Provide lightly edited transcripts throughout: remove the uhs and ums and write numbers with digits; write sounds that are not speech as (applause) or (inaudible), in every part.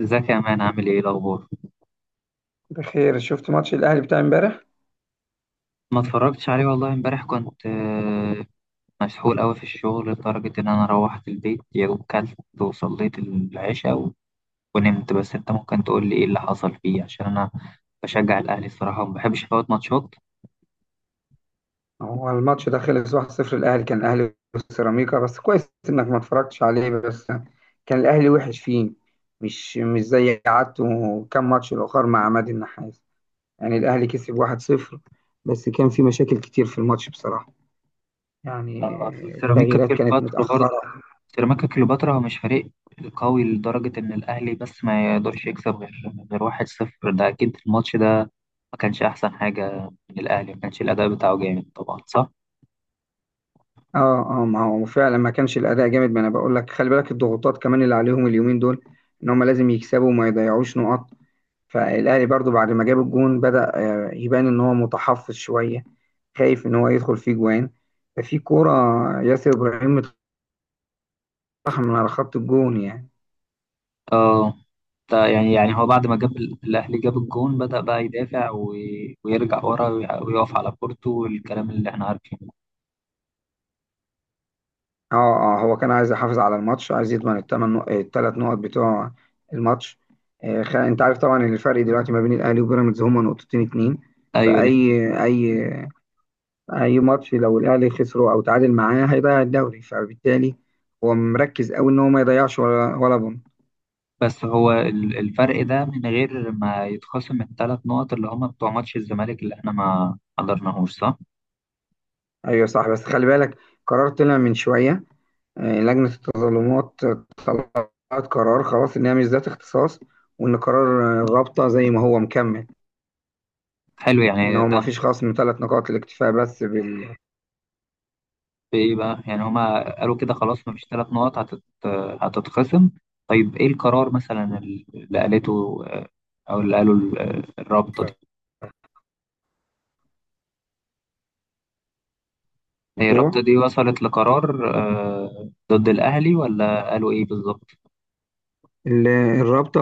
ازيك يا مان، عامل ايه الاخبار؟ بخير. شفت ماتش الاهلي بتاع امبارح؟ ما اتفرجتش عليه والله. امبارح كنت مسحول قوي في الشغل لدرجة ان انا روحت البيت يا دوب كلت وصليت العشاء ونمت. بس انت ممكن تقول لي ايه اللي حصل فيه، عشان انا بشجع الاهلي الصراحة وما بحبش افوت ماتشات. هو الماتش ده خلص 1-0. الاهلي، كان الاهلي وسيراميكا. بس كويس انك ما اتفرجتش عليه، بس كان الاهلي وحش فيه، مش زي عادته كام ماتش الاخر مع عماد النحاس. يعني الاهلي كسب 1-0، بس كان في مشاكل كتير في الماتش بصراحة. يعني اصل سيراميكا التغييرات كانت كليوباترا برضه، متأخرة. سيراميكا كليوباترا هو مش فريق قوي لدرجة ان الاهلي بس ما يقدرش يكسب غير 1-0. ده اكيد الماتش ده ما كانش احسن حاجة من الاهلي، ما كانش الاداء بتاعه جامد طبعا، صح؟ اه، اه، ما هو فعلا ما كانش الاداء جامد. ما انا بقول لك خلي بالك الضغوطات كمان اللي عليهم اليومين دول، ان هم لازم يكسبوا وما يضيعوش نقط. فالاهلي برضو بعد ما جاب الجون بدأ يبان ان هو متحفظ شويه، خايف ان هو يدخل فيه جوان. ففي كوره، ياسر ابراهيم اتطحن من على خط الجون يعني. اه. يعني هو بعد ما جاب الأهلي جاب الجون بدأ بقى يدافع ويرجع ورا ويقف على كورته والكلام اللي احنا عارفينه. اه، اه، هو كان عايز يحافظ على الماتش، عايز يضمن الثلاث نقط بتوع الماتش. انت عارف طبعا إن الفرق دلوقتي ما بين الاهلي وبيراميدز هما نقطتين اتنين. أيوه دي فاي حقيقة. اي اي ماتش لو الاهلي خسره او تعادل معاه هيضيع الدوري. فبالتالي هو مركز قوي ان هو ما يضيعش ولا بونت. بس هو الفرق ده من غير ما يتخصم الثلاث نقط اللي هما بتوع ماتش الزمالك اللي احنا ما حضرناهوش، صح؟ ايوه صح، بس خلي بالك، قرار طلع من شويه. لجنه التظلمات طلعت قرار خلاص ان هي مش ذات اختصاص، وان قرار الرابطه زي ما هو مكمل، حلو ان يعني هو ما ده. فيش خصم ثلاث نقاط، الاكتفاء بس بالموضوع. بإيه بقى؟ يعني هما قالوا كده خلاص مفيش ثلاث نقط هتتخصم؟ طيب إيه القرار مثلا اللي قالته، أو اللي قالوا الرابطة؟ هي الرابطة دي وصلت لقرار ضد الأهلي، ولا قالوا إيه بالظبط؟ ال- الرابطه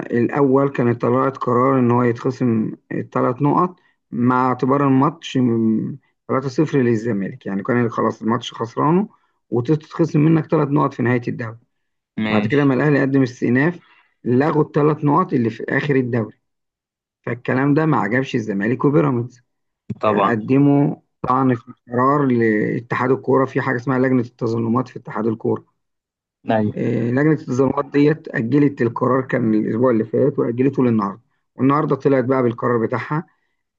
الاول كانت طلعت قرار ان هو يتخصم الثلاث نقط، مع اعتبار الماتش 3-0 للزمالك. يعني كان خلاص الماتش خسرانه، وتتخصم منك ثلاث نقط في نهايه الدوري. بعد كده ما ماشي. الاهلي قدم استئناف، لغوا الثلاث نقط اللي في اخر الدوري. فالكلام ده ما عجبش الزمالك وبيراميدز، طبعا. قدموا طعن في قرار لاتحاد الكوره، في حاجه اسمها لجنه التظلمات في اتحاد الكوره. أيوة. لجنه التظلمات ديت اجلت القرار كان الاسبوع اللي فات، واجلته للنهارده. والنهارده طلعت بقى بالقرار بتاعها،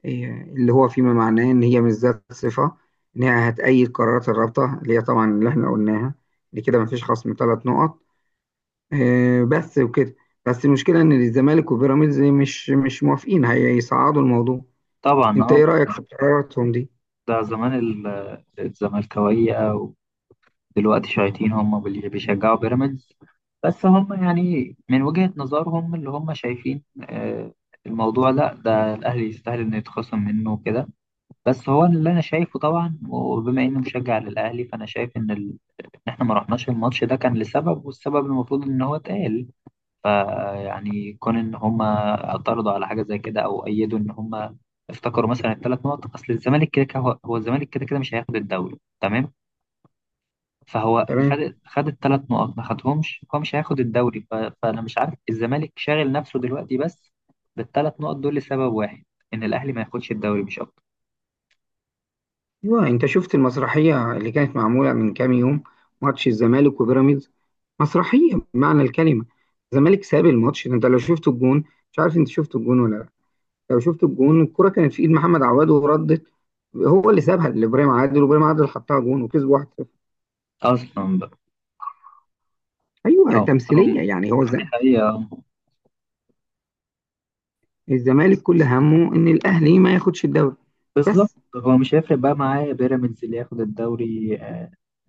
آه، اللي هو فيما معناه ان هي مش ذات صفه، ان هي هتأيد قرارات الرابطه اللي هي طبعا اللي احنا قلناها. دي كده مفيش خصم ثلاث نقط، بس وكده. بس المشكلة إن الزمالك وبيراميدز مش موافقين، هيصعدوا الموضوع. طبعا، أنت إيه أه. رأيك في قراراتهم دي؟ ده زمان الزملكاوية، ودلوقتي شياطين، هم اللي بيشجعوا بيراميدز. بس هم يعني من وجهة نظرهم اللي هم شايفين، الموضوع، لا، ده الأهلي يستاهل إنه يتخصم منه وكده. بس هو اللي أنا شايفه طبعا، وبما إني مشجع للأهلي، فأنا شايف إن إن إحنا ما رحناش الماتش ده كان لسبب، والسبب المفروض إن هو اتقال. فيعني كون ان هم اعترضوا على حاجه زي كده او ايدوا ان هم افتكروا مثلا الثلاث نقط، اصل الزمالك كده كده هو الزمالك كده كده مش هياخد الدوري، تمام؟ فهو خد تمام. خد الثلاث نقط، ما خدهمش، هو مش هياخد الدوري فانا مش عارف الزمالك شاغل نفسه دلوقتي بس بالثلاث نقط دول لسبب واحد، ان الاهلي ما ياخدش الدوري مش اكتر. أيوه، أنت شفت المسرحية اللي كانت معمولة من كام يوم؟ ماتش الزمالك وبيراميدز، مسرحية بمعنى الكلمة. الزمالك ساب الماتش ده، أنت لو شفت الجون. مش عارف أنت شفت الجون ولا لأ. لو شفت الجون، الكرة كانت في إيد محمد عواد وردت. هو اللي سابها لإبراهيم عادل، وإبراهيم عادل حطها جون وكسبوا 1-0. اصلا بقى. أيوه اه هو، تمثيلية يعني. هو دي حقيقه. الزمالك كل همه ان الاهلي ما ياخدش الدوري بالظبط. بس. هو مش هيفرق بقى معاه بيراميدز اللي ياخد الدوري.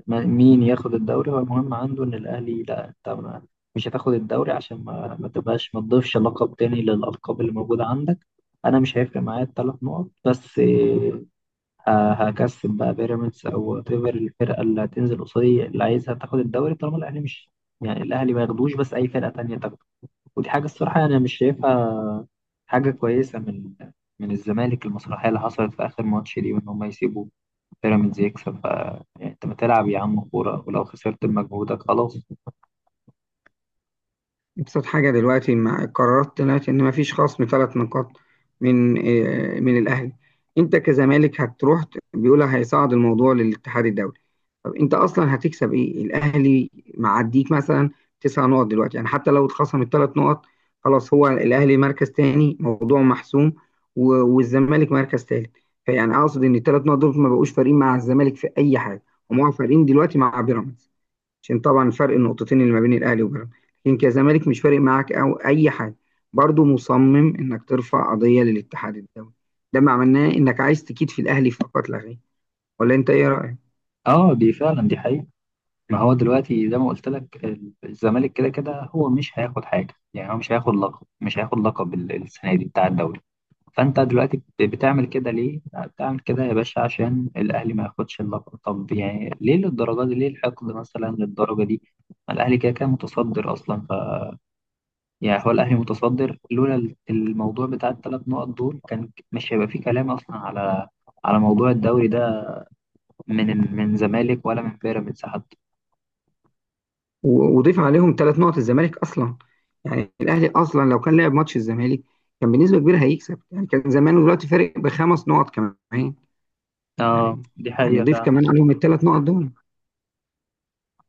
مين ياخد الدوري هو المهم عنده، ان الاهلي لا. انت مش هتاخد الدوري عشان ما تبقاش، ما تضيفش لقب تاني للالقاب اللي موجوده عندك. انا مش هيفرق معايا الثلاث نقط، بس هكسب بقى بيراميدز او تيفر الفرقه اللي هتنزل قصادي اللي عايزها تاخد الدوري طالما الاهلي مش، يعني الاهلي ما ياخدوش، بس اي فرقه تانية تاخده. ودي حاجه الصراحه يعني انا مش شايفها حاجه كويسه من الزمالك، المسرحيه اللي حصلت في اخر ماتش دي، وان هم يسيبوا بيراميدز يكسب يعني انت ما تلعب يا عم كورة، ولو خسرت بمجهودك خلاص. ابسط حاجه دلوقتي مع القرارات، طلعت ان ما فيش خصم ثلاث نقاط من من الاهلي. انت كزمالك هتروح بيقول هيصعد الموضوع للاتحاد الدولي. طب انت اصلا هتكسب ايه؟ الاهلي معديك مثلا تسع نقط دلوقتي، يعني حتى لو اتخصم الثلاث نقط، خلاص هو الاهلي مركز تاني موضوع محسوم، والزمالك مركز تالت. فيعني اقصد ان الثلاث نقط دول ما بقوش فارقين مع الزمالك في اي حاجه، هم فارقين دلوقتي مع بيراميدز، عشان طبعا فرق النقطتين اللي ما بين الاهلي وبيراميدز. لكن كزمالك مش فارق معاك او اي حاجه، برضه مصمم انك ترفع قضيه للاتحاد الدولي. ده ما معناه انك عايز تكيد في الاهلي فقط لا غير. ولا انت ايه رايك؟ اه دي فعلا دي حقيقة. ما هو دلوقتي زي ما قلت لك الزمالك كده كده هو مش هياخد حاجة، يعني هو مش هياخد لقب، مش هياخد لقب السنة دي بتاع الدوري. فانت دلوقتي بتعمل كده ليه؟ لا، بتعمل كده يا باشا عشان الاهلي ما ياخدش اللقب. طب يعني ليه للدرجة دي؟ ليه الحقد مثلا للدرجة دي؟ ما الاهلي كده كده متصدر اصلا، يعني هو الأهلي متصدر. لولا الموضوع بتاع الثلاث نقط دول كان مش هيبقى فيه كلام أصلا على موضوع الدوري ده من زمالك ولا من بيراميدز حتى. وضيف عليهم ثلاث نقط الزمالك اصلا. يعني الاهلي اصلا لو كان لعب ماتش الزمالك كان بنسبه كبيره هيكسب، يعني كان زمانه دلوقتي فارق بخمس نقط كمان، اه يعني دي يعني حقيقة ضيف فعلا. كمان عليهم الثلاث نقط دول.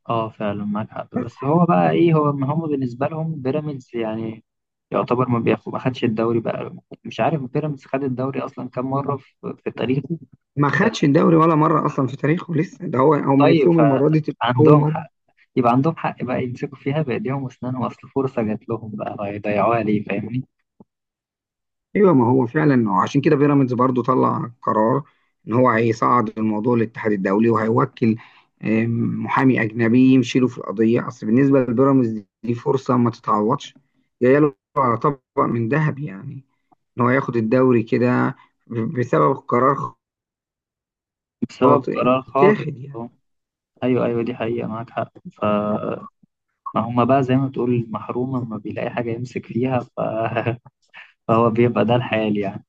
اه فعلا، معاك حق. بس هو بقى ايه؟ هو ما هم بالنسبة لهم بيراميدز يعني يعتبر ما خدش الدوري بقى. مش عارف بيراميدز خد الدوري أصلا كام مرة في تاريخه. ما خدش الدوري ولا مره اصلا في تاريخه لسه، ده هو هم طيب نفسهم المره دي تبقى اول فعندهم مره. حق، يبقى عندهم حق بقى يمسكوا فيها بإيديهم وأسنانهم، أصل فرصة جات لهم، بقى هيضيعوها ليه؟ فاهمني؟ ايوه، ما هو فعلا. عشان كده بيراميدز برضو طلع قرار ان هو هيصعد الموضوع للاتحاد الدولي، وهيوكل محامي اجنبي يمشي له في القضيه. اصل بالنسبه لبيراميدز دي فرصه ما تتعوضش، جايه له على طبق من ذهب يعني، ان هو ياخد الدوري كده بسبب قرار بسبب خاطئ قرار خاطئ. اتاخد يعني. أهو. ايوه ايوه، دي حقيقة معاك حق. فما هما بقى زي ما تقول محروم لما بيلاقي حاجة يمسك فيها (laughs) فهو بيبقى ده الحال يعني.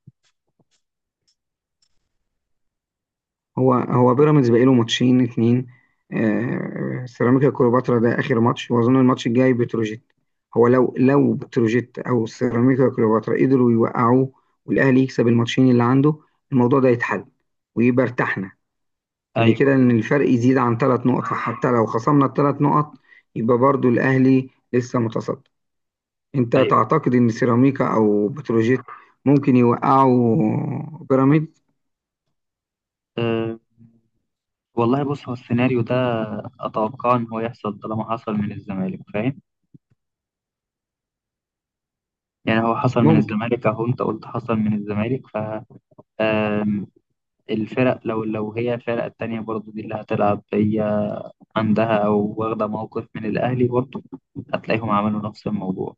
هو بيراميدز باقي له ماتشين اتنين، سيراميكا كليوباترا ده اخر ماتش، واظن الماتش الجاي بتروجيت. هو لو بتروجيت او سيراميكا كليوباترا قدروا يوقعوه، والاهلي يكسب الماتشين اللي عنده، الموضوع ده يتحل ويبقى ارتحنا. ان كده ان ايوه الفرق يزيد عن ثلاث نقط، فحتى لو خصمنا الثلاث نقط يبقى برضو الاهلي لسه متصدر. انت ايوه. تعتقد ان سيراميكا او بتروجيت ممكن يوقعوا بيراميدز؟ أه... والله بص، هو السيناريو ده اتوقع ان هو يحصل طالما حصل من الزمالك، فاهم؟ يعني هو حصل من ممكن، الزمالك، اهو انت قلت حصل من الزمالك آم، الفرق، لو هي الفرق التانية برضو دي اللي هتلعب هي عندها او واخدة موقف من الاهلي برضو، هتلاقيهم عملوا نفس الموضوع.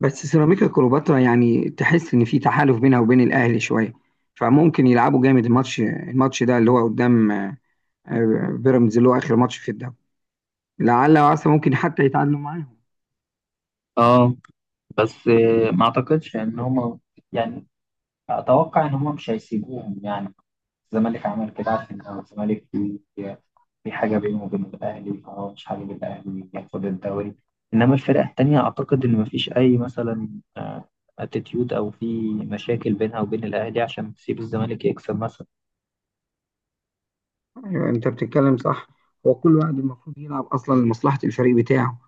بس سيراميكا كليوباترا يعني تحس ان في تحالف بينها وبين الاهلي شويه، فممكن يلعبوا جامد الماتش ده اللي هو قدام بيراميدز، اللي هو اخر ماتش في الدوري. لعل وعسى ممكن حتى يتعادلوا معاهم. اه. بس ما اعتقدش ان هم، يعني اتوقع ان هم مش هيسيبوهم يعني. الزمالك عمل كده عشان لو الزمالك في حاجه بينه وبين الاهلي، فهو مش حابب الاهلي ياخد الدوري. انما الفرق التانية اعتقد ان مفيش اي مثلا اتيتيود او في مشاكل بينها وبين الاهلي عشان تسيب الزمالك يكسب مثلا. أيوة، انت بتتكلم صح. هو كل واحد المفروض يلعب اصلا لمصلحه الفريق بتاعه،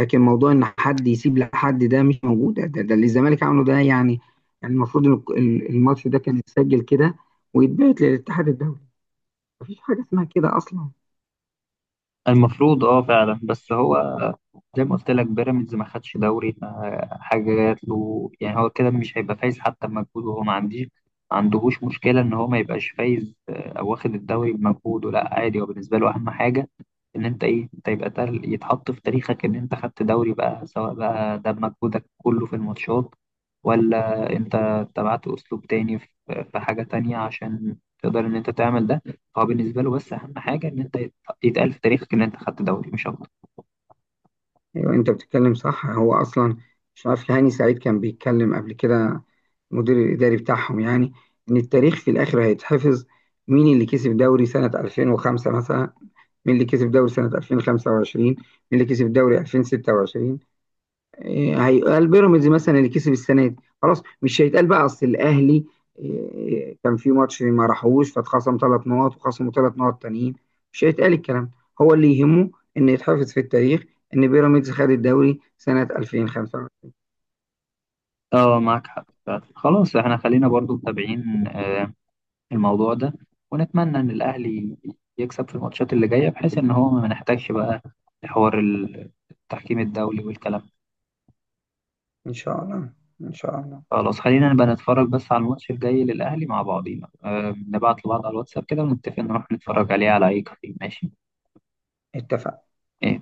لكن موضوع ان حد يسيب لحد ده مش موجود، ده اللي الزمالك عمله ده يعني. يعني المفروض ان الماتش ده كان يتسجل كده، ويتبعت للاتحاد الدولي. مفيش حاجه اسمها كده اصلا. المفروض، اه فعلا. بس هو زي ما قلت لك بيراميدز ما خدش دوري، فحاجه جات له يعني، هو كده مش هيبقى فايز حتى بمجهوده. هو ما عندهوش مشكله ان هو ما يبقاش فايز او واخد الدوري بمجهوده، لا عادي. هو بالنسبه له اهم حاجه ان انت، ايه، انت يبقى يتحط في تاريخك ان انت خدت دوري بقى، سواء بقى ده بمجهودك كله في الماتشات ولا انت اتبعت اسلوب تاني في حاجه تانية عشان تقدر ان انت تعمل ده. هو بالنسبه له بس اهم حاجه ان انت يتقال في تاريخك ان انت خدت دوري، مش اكتر. ايوه، انت بتتكلم صح. هو اصلا مش عارف، هاني سعيد كان بيتكلم قبل كده، المدير الاداري بتاعهم يعني، ان التاريخ في الاخر هيتحفظ. مين اللي كسب دوري سنه 2005 مثلا، مين اللي كسب دوري سنه 2025، مين اللي كسب دوري 2026. إيه، هيقال بيراميدز مثلا اللي كسب السنه دي. خلاص مش هيتقال بقى اصل الاهلي إيه، كان في ماتش ما راحوش فاتخصم ثلاث نقط وخصموا ثلاث نقط تانيين. مش هيتقال الكلام ده. هو اللي يهمه ان يتحفظ في التاريخ ان بيراميدز خد الدوري سنه 2005. اه معاك حق فعلا. خلاص احنا خلينا برضو متابعين الموضوع ده، ونتمنى ان الاهلي يكسب في الماتشات اللي جايه، بحيث ان هو ما نحتاجش بقى لحوار التحكيم الدولي والكلام ده. ان شاء الله، ان شاء الله. خلاص خلينا نبقى نتفرج بس على الماتش الجاي للاهلي مع بعضينا، نبعت لبعض على الواتساب كده ونتفق نروح نتفرج عليه على اي كافيه، ماشي؟ اتفقنا. إيه،